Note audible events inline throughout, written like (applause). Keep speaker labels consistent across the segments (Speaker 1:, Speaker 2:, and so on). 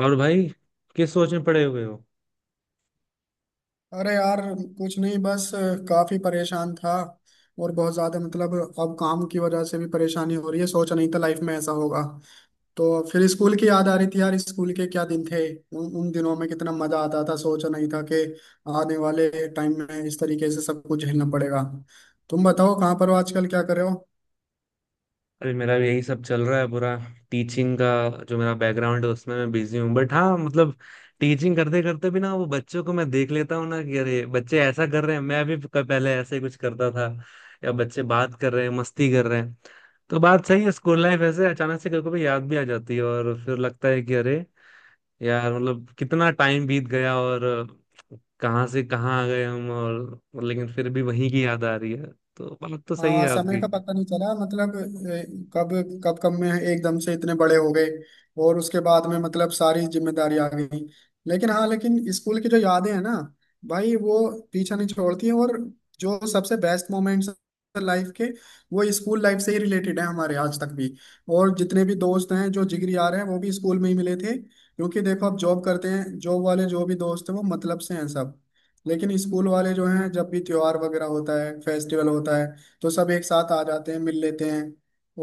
Speaker 1: और भाई किस सोच में पड़े हुए हो?
Speaker 2: अरे यार, कुछ नहीं। बस काफी परेशान था। और बहुत ज्यादा मतलब, अब काम की वजह से भी परेशानी हो रही है। सोचा नहीं था लाइफ में ऐसा होगा। तो फिर स्कूल की याद आ रही थी यार, स्कूल के क्या दिन थे। उन उन दिनों में कितना मजा आता था। सोचा नहीं था कि आने वाले टाइम में इस तरीके से सब कुछ झेलना पड़ेगा। तुम बताओ, कहाँ पर हो आजकल, क्या कर रहे हो।
Speaker 1: अरे, मेरा भी यही सब चल रहा है। पूरा टीचिंग का जो मेरा बैकग्राउंड है उसमें मैं बिजी हूँ, बट हाँ मतलब टीचिंग करते करते भी ना, वो बच्चों को मैं देख लेता हूँ ना, कि अरे बच्चे ऐसा कर रहे हैं, मैं भी पहले ऐसे ही कुछ करता था, या बच्चे बात कर रहे हैं, मस्ती कर रहे हैं। तो बात सही है, स्कूल लाइफ ऐसे अचानक से कभी कभी याद भी आ जाती है, और फिर लगता है कि अरे यार मतलब कितना टाइम बीत गया, और कहाँ से कहाँ आ गए हम, और लेकिन फिर भी वहीं की याद आ रही है, तो बात तो सही
Speaker 2: हाँ,
Speaker 1: है
Speaker 2: समय
Speaker 1: आपकी।
Speaker 2: का पता नहीं चला। मतलब कब कब कब में एकदम से इतने बड़े हो गए। और उसके बाद में मतलब सारी जिम्मेदारी आ गई। लेकिन हाँ, लेकिन स्कूल की जो यादें हैं ना भाई, वो पीछा नहीं छोड़ती हैं। और जो सबसे बेस्ट मोमेंट्स लाइफ के, वो स्कूल लाइफ से ही रिलेटेड है हमारे आज तक भी। और जितने भी दोस्त हैं, जो जिगरी यार हैं, वो भी स्कूल में ही मिले थे। क्योंकि देखो, अब जॉब करते हैं, जॉब वाले जो भी दोस्त हैं वो मतलब से हैं सब। लेकिन स्कूल वाले जो हैं, जब भी त्योहार वगैरह होता है, फेस्टिवल होता है, तो सब एक साथ आ जाते हैं, मिल लेते हैं।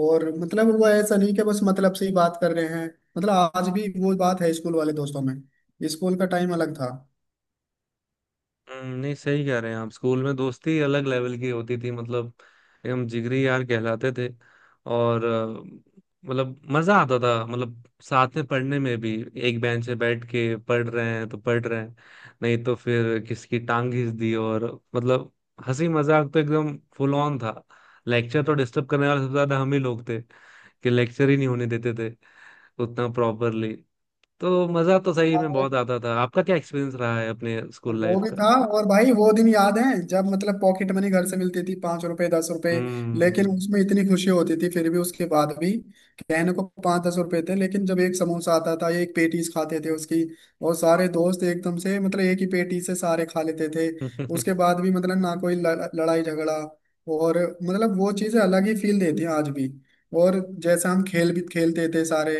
Speaker 2: और मतलब वो ऐसा नहीं कि बस मतलब से ही बात कर रहे हैं। मतलब आज भी वो बात है स्कूल वाले दोस्तों में। स्कूल का टाइम अलग था।
Speaker 1: नहीं सही कह रहे हैं आप, स्कूल में दोस्ती अलग लेवल की होती थी, मतलब एकदम जिगरी यार कहलाते थे। और मतलब मजा आता था मतलब, साथ में पढ़ने में भी एक बेंच पे बैठ के पढ़ रहे हैं तो पढ़ रहे हैं, नहीं तो फिर किसकी टांग घिस दी, और मतलब हंसी मजाक तो एकदम फुल ऑन था। लेक्चर तो डिस्टर्ब करने वाले सबसे ज्यादा हम ही लोग थे, कि लेक्चर ही नहीं होने देते थे उतना प्रॉपरली। तो मजा तो सही में
Speaker 2: हाँ,
Speaker 1: बहुत आता था। आपका क्या एक्सपीरियंस रहा है अपने स्कूल
Speaker 2: वो
Speaker 1: लाइफ
Speaker 2: भी
Speaker 1: का?
Speaker 2: था। और भाई वो दिन याद है जब मतलब पॉकेट मनी घर से मिलती थी, 5 रुपए, 10 रुपए। लेकिन
Speaker 1: हम्म।
Speaker 2: उसमें इतनी खुशी होती थी। फिर भी, उसके बाद भी कहने को 5-10 रुपए थे, लेकिन जब एक समोसा आता था, एक पेटीज खाते थे उसकी, और सारे दोस्त एकदम से मतलब एक ही पेटी से सारे खा लेते थे।
Speaker 1: (laughs)
Speaker 2: उसके बाद भी मतलब ना कोई लड़ाई झगड़ा। और मतलब वो चीजें अलग ही फील देती हैं आज भी। और जैसा हम खेल भी खेलते थे सारे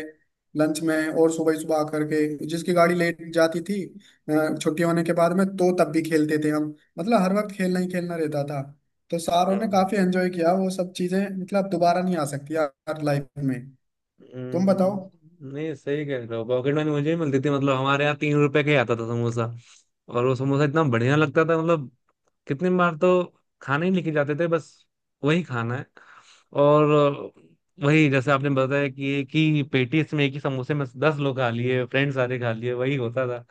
Speaker 2: लंच में, और सुबह सुबह आकर के जिसकी गाड़ी लेट जाती थी, छुट्टी होने के बाद में तो तब भी खेलते थे हम। मतलब हर वक्त खेलना ही खेलना रहता था। तो सारों ने
Speaker 1: हम्म।
Speaker 2: काफी एंजॉय किया। वो सब चीजें मतलब दोबारा नहीं आ सकती यार लाइफ में। तुम बताओ।
Speaker 1: नहीं सही कह रहे हो, पॉकेट मनी मुझे भी मिलती थी। मतलब हमारे यहाँ तीन रुपए का ही आता था समोसा, और वो समोसा इतना बढ़िया लगता था मतलब, कितनी बार तो खाने ही लेके जाते थे बस, वही खाना है। और वही जैसे आपने बताया कि एक ही पेटी इसमें, एक ही समोसे में दस लोग खा लिए, फ्रेंड्स सारे खा लिए, वही होता था।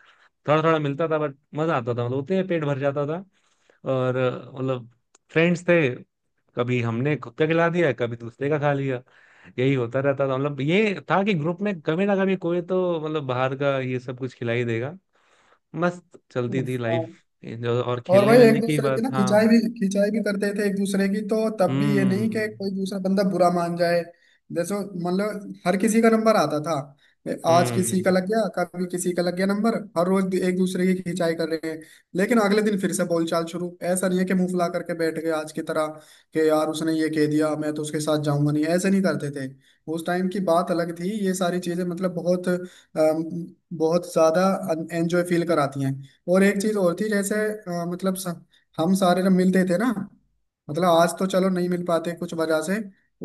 Speaker 1: थोड़ा थोड़ा मिलता था बट मजा आता था, मतलब उतने में पेट भर जाता था। और मतलब फ्रेंड्स थे, कभी हमने खुद का खिला दिया कभी दूसरे का खा लिया, यही होता रहता था। मतलब ये था कि ग्रुप में कभी ना कभी कोई तो मतलब बाहर का ये सब कुछ खिलाई देगा। मस्त
Speaker 2: (laughs)
Speaker 1: चलती थी
Speaker 2: हाँ।
Speaker 1: लाइफ। और
Speaker 2: और
Speaker 1: खेलने
Speaker 2: भाई
Speaker 1: वेलने
Speaker 2: एक
Speaker 1: की
Speaker 2: दूसरे की ना
Speaker 1: बात, हाँ।
Speaker 2: खिंचाई भी, खिंचाई भी करते थे एक दूसरे की। तो तब भी ये नहीं कि
Speaker 1: हम्म।
Speaker 2: कोई दूसरा बंदा बुरा मान जाए। जैसे मतलब हर किसी का नंबर आता था। आज किसी का
Speaker 1: हम्म।
Speaker 2: लग गया, कभी किसी का लग गया नंबर, हर रोज एक दूसरे की खिंचाई कर रहे हैं। लेकिन अगले दिन फिर से बोलचाल शुरू। ऐसा नहीं है कि मुंह फुला करके बैठ गए आज की तरह, कि यार उसने ये कह दिया, मैं तो उसके साथ जाऊंगा नहीं। ऐसे नहीं करते थे। उस टाइम की बात अलग थी। ये सारी चीजें मतलब बहुत बहुत ज्यादा एंजॉय फील कराती हैं। और एक चीज और थी, जैसे मतलब हम सारे जब मिलते थे ना, मतलब आज तो चलो नहीं मिल पाते कुछ वजह से,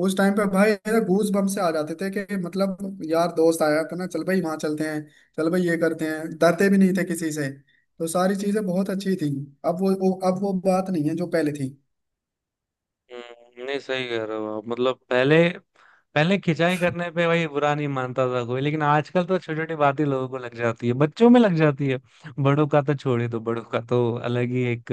Speaker 2: उस टाइम पे भाई गूज बम से आ जाते थे कि मतलब यार दोस्त आया तो ना, चल भाई वहां चलते हैं, चल भाई ये करते हैं। डरते भी नहीं थे किसी से। तो सारी चीजें बहुत अच्छी थी। अब वो बात नहीं है जो पहले थी।
Speaker 1: नहीं सही कह रहे हो आप, मतलब पहले पहले खिंचाई करने पे भाई बुरा नहीं मानता था कोई, लेकिन आजकल तो छोटी छोटी बात ही लोगों को लग जाती है, बच्चों में लग जाती है, बड़ों का तो छोड़ ही दो। बड़ों का तो अलग ही एक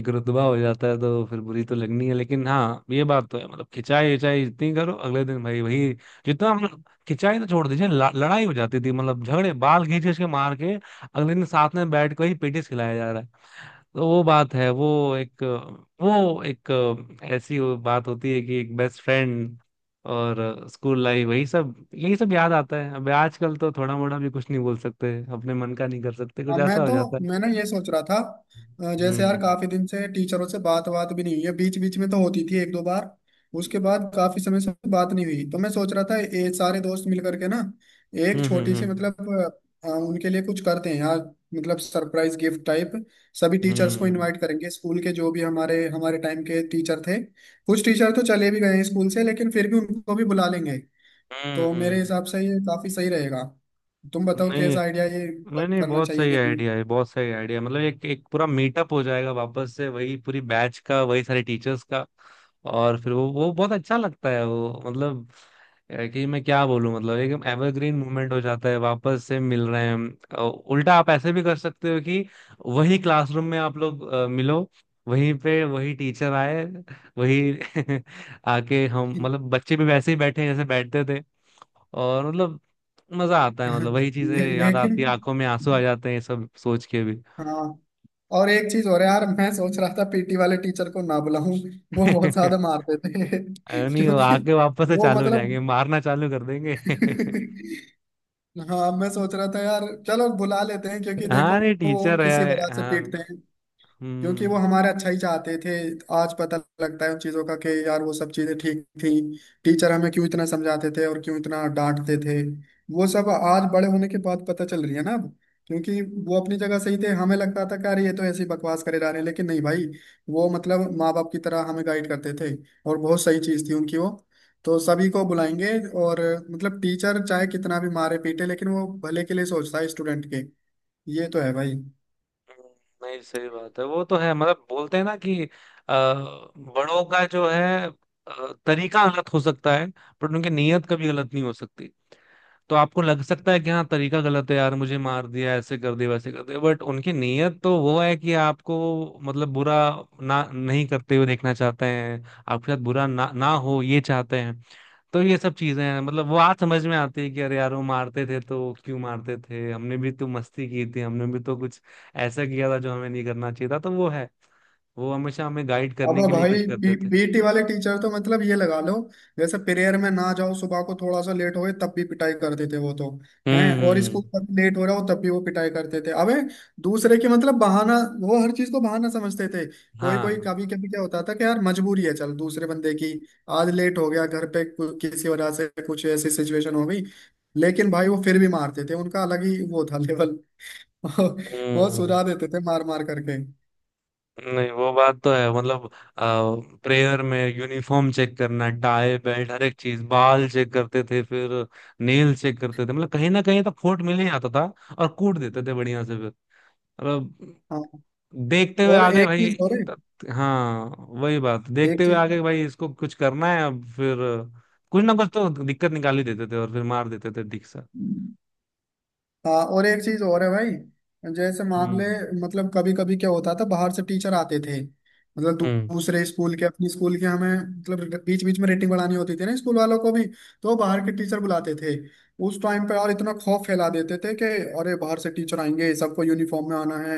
Speaker 1: एक रुतबा हो जाता है, तो फिर बुरी तो लगनी है। लेकिन हाँ ये बात तो है मतलब खिंचाई विंचाई जितनी करो, अगले दिन भाई वही। जितना हम खिंचाई तो छोड़ दीजिए, लड़ाई हो जाती थी, मतलब झगड़े, बाल खींच खींच के मार के अगले दिन साथ में बैठ के ही पेटिस खिलाया जा रहा है। तो वो बात है, एक वो एक ऐसी वो बात होती है कि एक बेस्ट फ्रेंड। और स्कूल लाइफ वही सब, यही सब याद आता है। अब आजकल तो थोड़ा मोड़ा भी कुछ नहीं बोल सकते, अपने मन का नहीं कर सकते, कुछ
Speaker 2: हाँ। मैं
Speaker 1: ऐसा हो
Speaker 2: तो
Speaker 1: जाता है।
Speaker 2: मैं ना ये सोच रहा था, जैसे यार
Speaker 1: हम्म।
Speaker 2: काफी दिन से टीचरों से बात बात भी नहीं हुई है। बीच बीच में तो होती थी एक दो बार।
Speaker 1: हम्म।
Speaker 2: उसके बाद काफी समय से बात नहीं हुई। तो मैं सोच रहा था, ये सारे दोस्त मिल करके ना एक
Speaker 1: हम्म।
Speaker 2: छोटी
Speaker 1: हम्म।
Speaker 2: सी मतलब उनके लिए कुछ करते हैं यार। मतलब सरप्राइज गिफ्ट टाइप। सभी टीचर्स को
Speaker 1: हम्म।
Speaker 2: इनवाइट करेंगे स्कूल के, जो भी हमारे हमारे टाइम के टीचर थे। कुछ टीचर तो चले भी गए हैं स्कूल से, लेकिन फिर भी उनको भी बुला लेंगे।
Speaker 1: हम्म।
Speaker 2: तो मेरे हिसाब से ये काफी सही रहेगा। तुम बताओ,
Speaker 1: नहीं।
Speaker 2: कैसा आइडिया, ये
Speaker 1: नहीं
Speaker 2: मतलब
Speaker 1: नहीं
Speaker 2: करना
Speaker 1: बहुत
Speaker 2: चाहिए
Speaker 1: सही
Speaker 2: कि नहीं।
Speaker 1: आइडिया है, बहुत सही आइडिया। मतलब एक एक पूरा मीटअप हो जाएगा वापस से, वही पूरी बैच का, वही सारे टीचर्स का। और फिर वो बहुत अच्छा लगता है वो मतलब, कि मैं क्या बोलूं, मतलब एकदम एवरग्रीन मूवमेंट हो जाता है, वापस से मिल रहे हैं हम। उल्टा आप ऐसे भी कर सकते हो कि वही क्लासरूम में आप लोग मिलो, वहीं पे वही टीचर आए, वही (laughs) आके हम
Speaker 2: (laughs) ले,
Speaker 1: मतलब बच्चे भी वैसे ही बैठे हैं जैसे बैठते थे। और मतलब मजा आता है, मतलब वही चीजें याद
Speaker 2: लेकिन
Speaker 1: आती है, आंखों में आंसू आ जाते हैं ये सब सोच के भी।
Speaker 2: हाँ। और एक चीज और है यार, मैं सोच रहा था पीटी वाले टीचर को ना बुलाऊं। वो बहुत ज्यादा
Speaker 1: (laughs)
Speaker 2: मारते थे।
Speaker 1: अरे
Speaker 2: (laughs)
Speaker 1: नहीं, वो
Speaker 2: क्योंकि
Speaker 1: आके वापस से
Speaker 2: वो
Speaker 1: चालू हो
Speaker 2: मतलब।
Speaker 1: जाएंगे, मारना चालू कर देंगे। (laughs)
Speaker 2: (laughs) हाँ, मैं सोच रहा था यार चलो बुला लेते हैं। क्योंकि देखो,
Speaker 1: हाँ नहीं,
Speaker 2: वो
Speaker 1: टीचर
Speaker 2: किसी वजह
Speaker 1: है,
Speaker 2: से पीटते
Speaker 1: हाँ।
Speaker 2: हैं, क्योंकि वो
Speaker 1: हम्म,
Speaker 2: हमारा अच्छा ही चाहते थे। आज पता लगता है उन चीजों का कि यार वो सब चीजें ठीक थी। टीचर हमें क्यों इतना समझाते थे और क्यों इतना डांटते थे, वो सब आज बड़े होने के बाद पता चल रही है ना अब। क्योंकि वो अपनी जगह सही थे। हमें लगता था कि अरे, ये तो ऐसी बकवास करे जा रहे हैं, लेकिन नहीं भाई। वो मतलब माँ बाप की तरह हमें गाइड करते थे। और बहुत सही चीज थी उनकी वो। तो सभी को बुलाएंगे। और मतलब टीचर चाहे कितना भी मारे पीटे, लेकिन वो भले के लिए सोचता है स्टूडेंट के। ये तो है भाई।
Speaker 1: नहीं सही बात है, वो तो है मतलब। बोलते हैं ना कि बड़ों का जो है तरीका गलत हो सकता है, पर उनकी नीयत कभी गलत नहीं हो सकती। तो आपको लग सकता है कि हाँ तरीका गलत है यार, मुझे मार दिया, ऐसे कर दिया, वैसे कर दिया, बट उनकी नीयत तो वो है कि आपको मतलब बुरा ना नहीं करते हुए देखना चाहते हैं, आपके साथ बुरा ना ना हो ये चाहते हैं। तो ये सब चीजें हैं मतलब वो आज समझ में आती है कि अरे यार वो मारते थे तो क्यों मारते थे, हमने भी तो मस्ती की थी, हमने भी तो कुछ ऐसा किया था जो हमें नहीं करना चाहिए था। तो वो है, वो हमेशा हमें गाइड
Speaker 2: अब
Speaker 1: करने के लिए
Speaker 2: भाई
Speaker 1: कुछ करते थे।
Speaker 2: पीटी वाले टीचर तो मतलब ये लगा लो, जैसे प्रेयर में ना जाओ, सुबह को थोड़ा सा लेट हो गए, तब भी पिटाई करते थे वो तो। हैं।
Speaker 1: हम्म।
Speaker 2: और स्कूल तक लेट हो रहा हो तब भी वो पिटाई करते थे। अबे दूसरे के मतलब बहाना, वो हर चीज को बहाना समझते थे। कोई कोई
Speaker 1: हाँ।
Speaker 2: कभी कभी क्या होता था कि यार मजबूरी है चल, दूसरे बंदे की आज लेट हो गया, घर पे किसी वजह से कुछ ऐसी सिचुएशन हो गई। लेकिन भाई वो फिर भी मारते थे। उनका अलग ही वो था लेवल। (laughs) वो
Speaker 1: हम्म,
Speaker 2: सुझा देते थे मार मार करके।
Speaker 1: नहीं वो बात तो है। मतलब प्रेयर में यूनिफॉर्म चेक करना, टाई बेल्ट हर एक चीज, बाल चेक करते थे, फिर नेल चेक करते थे। मतलब कहीं ना कहीं तो खोट मिल ही जाता था, और कूट देते थे बढ़िया से फिर, मतलब
Speaker 2: हाँ
Speaker 1: देखते हुए
Speaker 2: और
Speaker 1: आ गए
Speaker 2: एक
Speaker 1: भाई।
Speaker 2: चीज और है।
Speaker 1: त- हाँ, वही बात,
Speaker 2: एक
Speaker 1: देखते हुए
Speaker 2: चीज
Speaker 1: आ गए भाई, इसको कुछ करना है अब फिर। कुछ ना कुछ तो दिक्कत निकाल ही देते थे और फिर मार देते थे ठीक से।
Speaker 2: हाँ और एक चीज और है भाई, जैसे मान ले,
Speaker 1: हम्म।
Speaker 2: मतलब कभी कभी क्या होता था बाहर से टीचर आते थे। मतलब
Speaker 1: हम्म।
Speaker 2: दूसरे स्कूल के, अपने स्कूल के, हमें मतलब, बीच बीच में रेटिंग बढ़ानी होती थी ना स्कूल वालों को भी। तो बाहर के टीचर बुलाते थे उस टाइम पे, और इतना खौफ फैला देते थे कि अरे बाहर से टीचर आएंगे, सबको यूनिफॉर्म में आना है,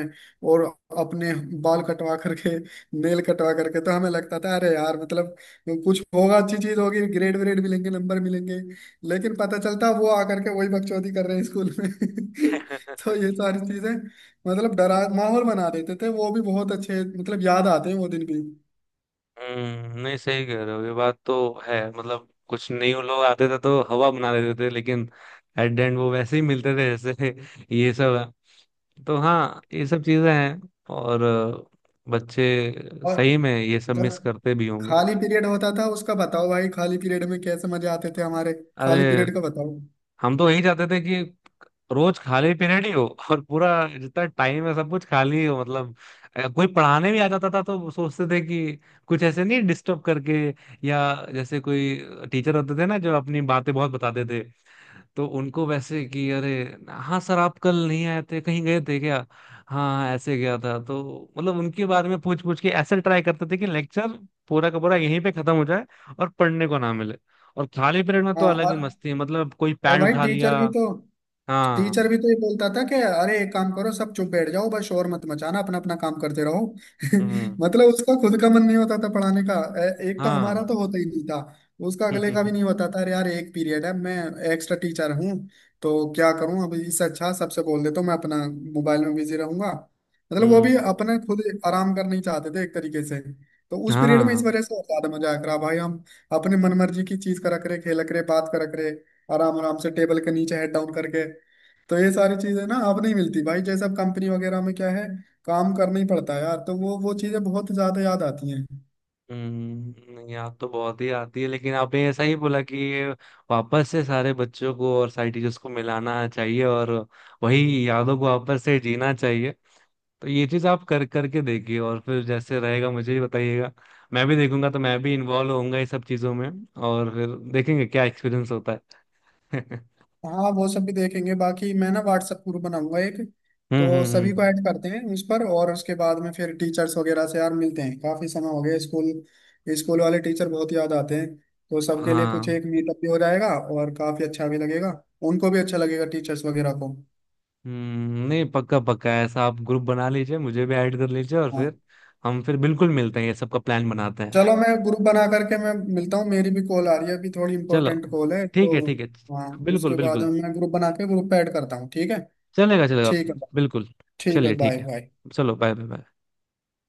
Speaker 2: और अपने बाल कटवा करके, नेल कटवा करके। तो हमें लगता था अरे यार मतलब कुछ होगा, अच्छी चीज होगी, ग्रेड व्रेड मिलेंगे, नंबर मिलेंगे। लेकिन पता चलता वो आकर के वही बकचोदी कर रहे हैं स्कूल में। (laughs) तो ये सारी चीजें मतलब डरा माहौल बना देते थे वो भी, बहुत अच्छे मतलब याद आते हैं वो दिन भी।
Speaker 1: हम्म, नहीं सही कह रहे हो, ये बात तो है। मतलब कुछ न्यू लोग आते थे तो हवा बना देते थे, लेकिन एट द एंड वो वैसे ही मिलते थे जैसे (laughs) ये सब है। तो हाँ ये सब चीजें हैं। और बच्चे
Speaker 2: और
Speaker 1: सही में ये सब मिस
Speaker 2: जब
Speaker 1: करते भी होंगे।
Speaker 2: खाली पीरियड होता था, उसका बताओ भाई खाली पीरियड में कैसे मजे आते थे हमारे।
Speaker 1: अरे
Speaker 2: खाली पीरियड का बताओ।
Speaker 1: हम तो यही चाहते थे कि रोज खाली पीरियड ही हो, और पूरा जितना टाइम है सब कुछ खाली ही हो। मतलब कोई पढ़ाने भी आ जाता था तो सोचते थे कि कुछ ऐसे नहीं डिस्टर्ब करके, या जैसे कोई टीचर होते थे ना जो अपनी बातें बहुत बताते थे, तो उनको वैसे कि अरे हाँ सर, आप कल नहीं आए थे, कहीं गए थे क्या, हाँ ऐसे गया था, तो मतलब उनके बारे में पूछ पूछ के ऐसे ट्राई करते थे कि लेक्चर पूरा का पूरा यहीं पे खत्म हो जाए और पढ़ने को ना मिले। और खाली पीरियड में तो
Speaker 2: हाँ
Speaker 1: अलग ही
Speaker 2: और
Speaker 1: मस्ती है, मतलब कोई
Speaker 2: और
Speaker 1: पैड
Speaker 2: भाई
Speaker 1: उठा लिया।
Speaker 2: टीचर भी तो टीचर
Speaker 1: हाँ।
Speaker 2: भी तो ये बोलता था कि अरे एक काम करो, सब चुप बैठ जाओ, बस शोर मत मचाना, अपना अपना काम करते रहो।
Speaker 1: हम्म।
Speaker 2: (laughs) मतलब उसका खुद का मन नहीं होता था पढ़ाने का। एक तो हमारा
Speaker 1: हाँ।
Speaker 2: तो होता ही नहीं था, उसका अगले
Speaker 1: (laughs)
Speaker 2: का भी नहीं होता था। अरे यार एक पीरियड है, मैं एक्स्ट्रा टीचर हूँ, तो क्या करूँ, अब इससे अच्छा सबसे बोल देता हूँ, मैं अपना मोबाइल में बिजी रहूंगा। मतलब वो भी
Speaker 1: हम्म।
Speaker 2: अपना खुद आराम करना ही चाहते थे एक तरीके से। तो उस पीरियड में इस
Speaker 1: हाँ।
Speaker 2: वजह से और ज्यादा मजा आया करा भाई हम अपने मनमर्जी की चीज करा करे, खेला करे, बात करा करे, आराम आराम से टेबल के नीचे हेड डाउन करके। तो ये सारी चीजें ना अब नहीं मिलती भाई। जैसे अब कंपनी वगैरह में क्या है, काम करना ही पड़ता है यार। तो वो चीजें बहुत ज्यादा याद आती हैं।
Speaker 1: हम्म, याद तो बहुत ही आती है, लेकिन आपने ऐसा ही बोला कि ये वापस से सारे बच्चों को और सारे टीचर्स को मिलाना चाहिए, और वही यादों को वापस से जीना चाहिए, तो ये चीज आप कर करके देखिए और फिर जैसे रहेगा मुझे भी बताइएगा, मैं भी देखूंगा, तो मैं भी इन्वॉल्व होऊंगा ये सब चीजों में, और फिर देखेंगे क्या एक्सपीरियंस होता है। (laughs)
Speaker 2: हाँ, वो सब भी देखेंगे। बाकी मैं ना व्हाट्सएप ग्रुप बनाऊंगा एक,
Speaker 1: हम्म।
Speaker 2: तो
Speaker 1: हम्म।
Speaker 2: सभी
Speaker 1: हम्म।
Speaker 2: को ऐड करते हैं उस पर। और उसके बाद में फिर टीचर्स वगैरह से यार मिलते हैं, काफी समय हो गया, स्कूल स्कूल वाले टीचर बहुत याद आते हैं। तो सबके लिए कुछ
Speaker 1: हाँ।
Speaker 2: एक मीटअप भी हो जाएगा, और काफी अच्छा भी लगेगा। उनको भी अच्छा लगेगा टीचर्स वगैरह को।
Speaker 1: हम्म, नहीं पक्का, पक्का ऐसा आप ग्रुप बना लीजिए, मुझे भी ऐड कर लीजिए, और
Speaker 2: हाँ।
Speaker 1: फिर हम फिर बिल्कुल मिलते हैं, ये सब का प्लान बनाते हैं।
Speaker 2: चलो मैं ग्रुप बना करके मैं मिलता हूँ, मेरी भी कॉल आ रही है अभी, थोड़ी
Speaker 1: चलो
Speaker 2: इंपॉर्टेंट कॉल है।
Speaker 1: ठीक है,
Speaker 2: तो
Speaker 1: ठीक है।
Speaker 2: हाँ,
Speaker 1: बिल्कुल,
Speaker 2: उसके बाद
Speaker 1: बिल्कुल।
Speaker 2: में मैं ग्रुप बना के ग्रुप पे ऐड करता हूँ। ठीक है।
Speaker 1: चलेगा चलेगा।
Speaker 2: ठीक है,
Speaker 1: बिल्कुल।
Speaker 2: ठीक है।
Speaker 1: चलिए
Speaker 2: बाय
Speaker 1: ठीक है,
Speaker 2: बाय।
Speaker 1: चलो बाय बाय बाय।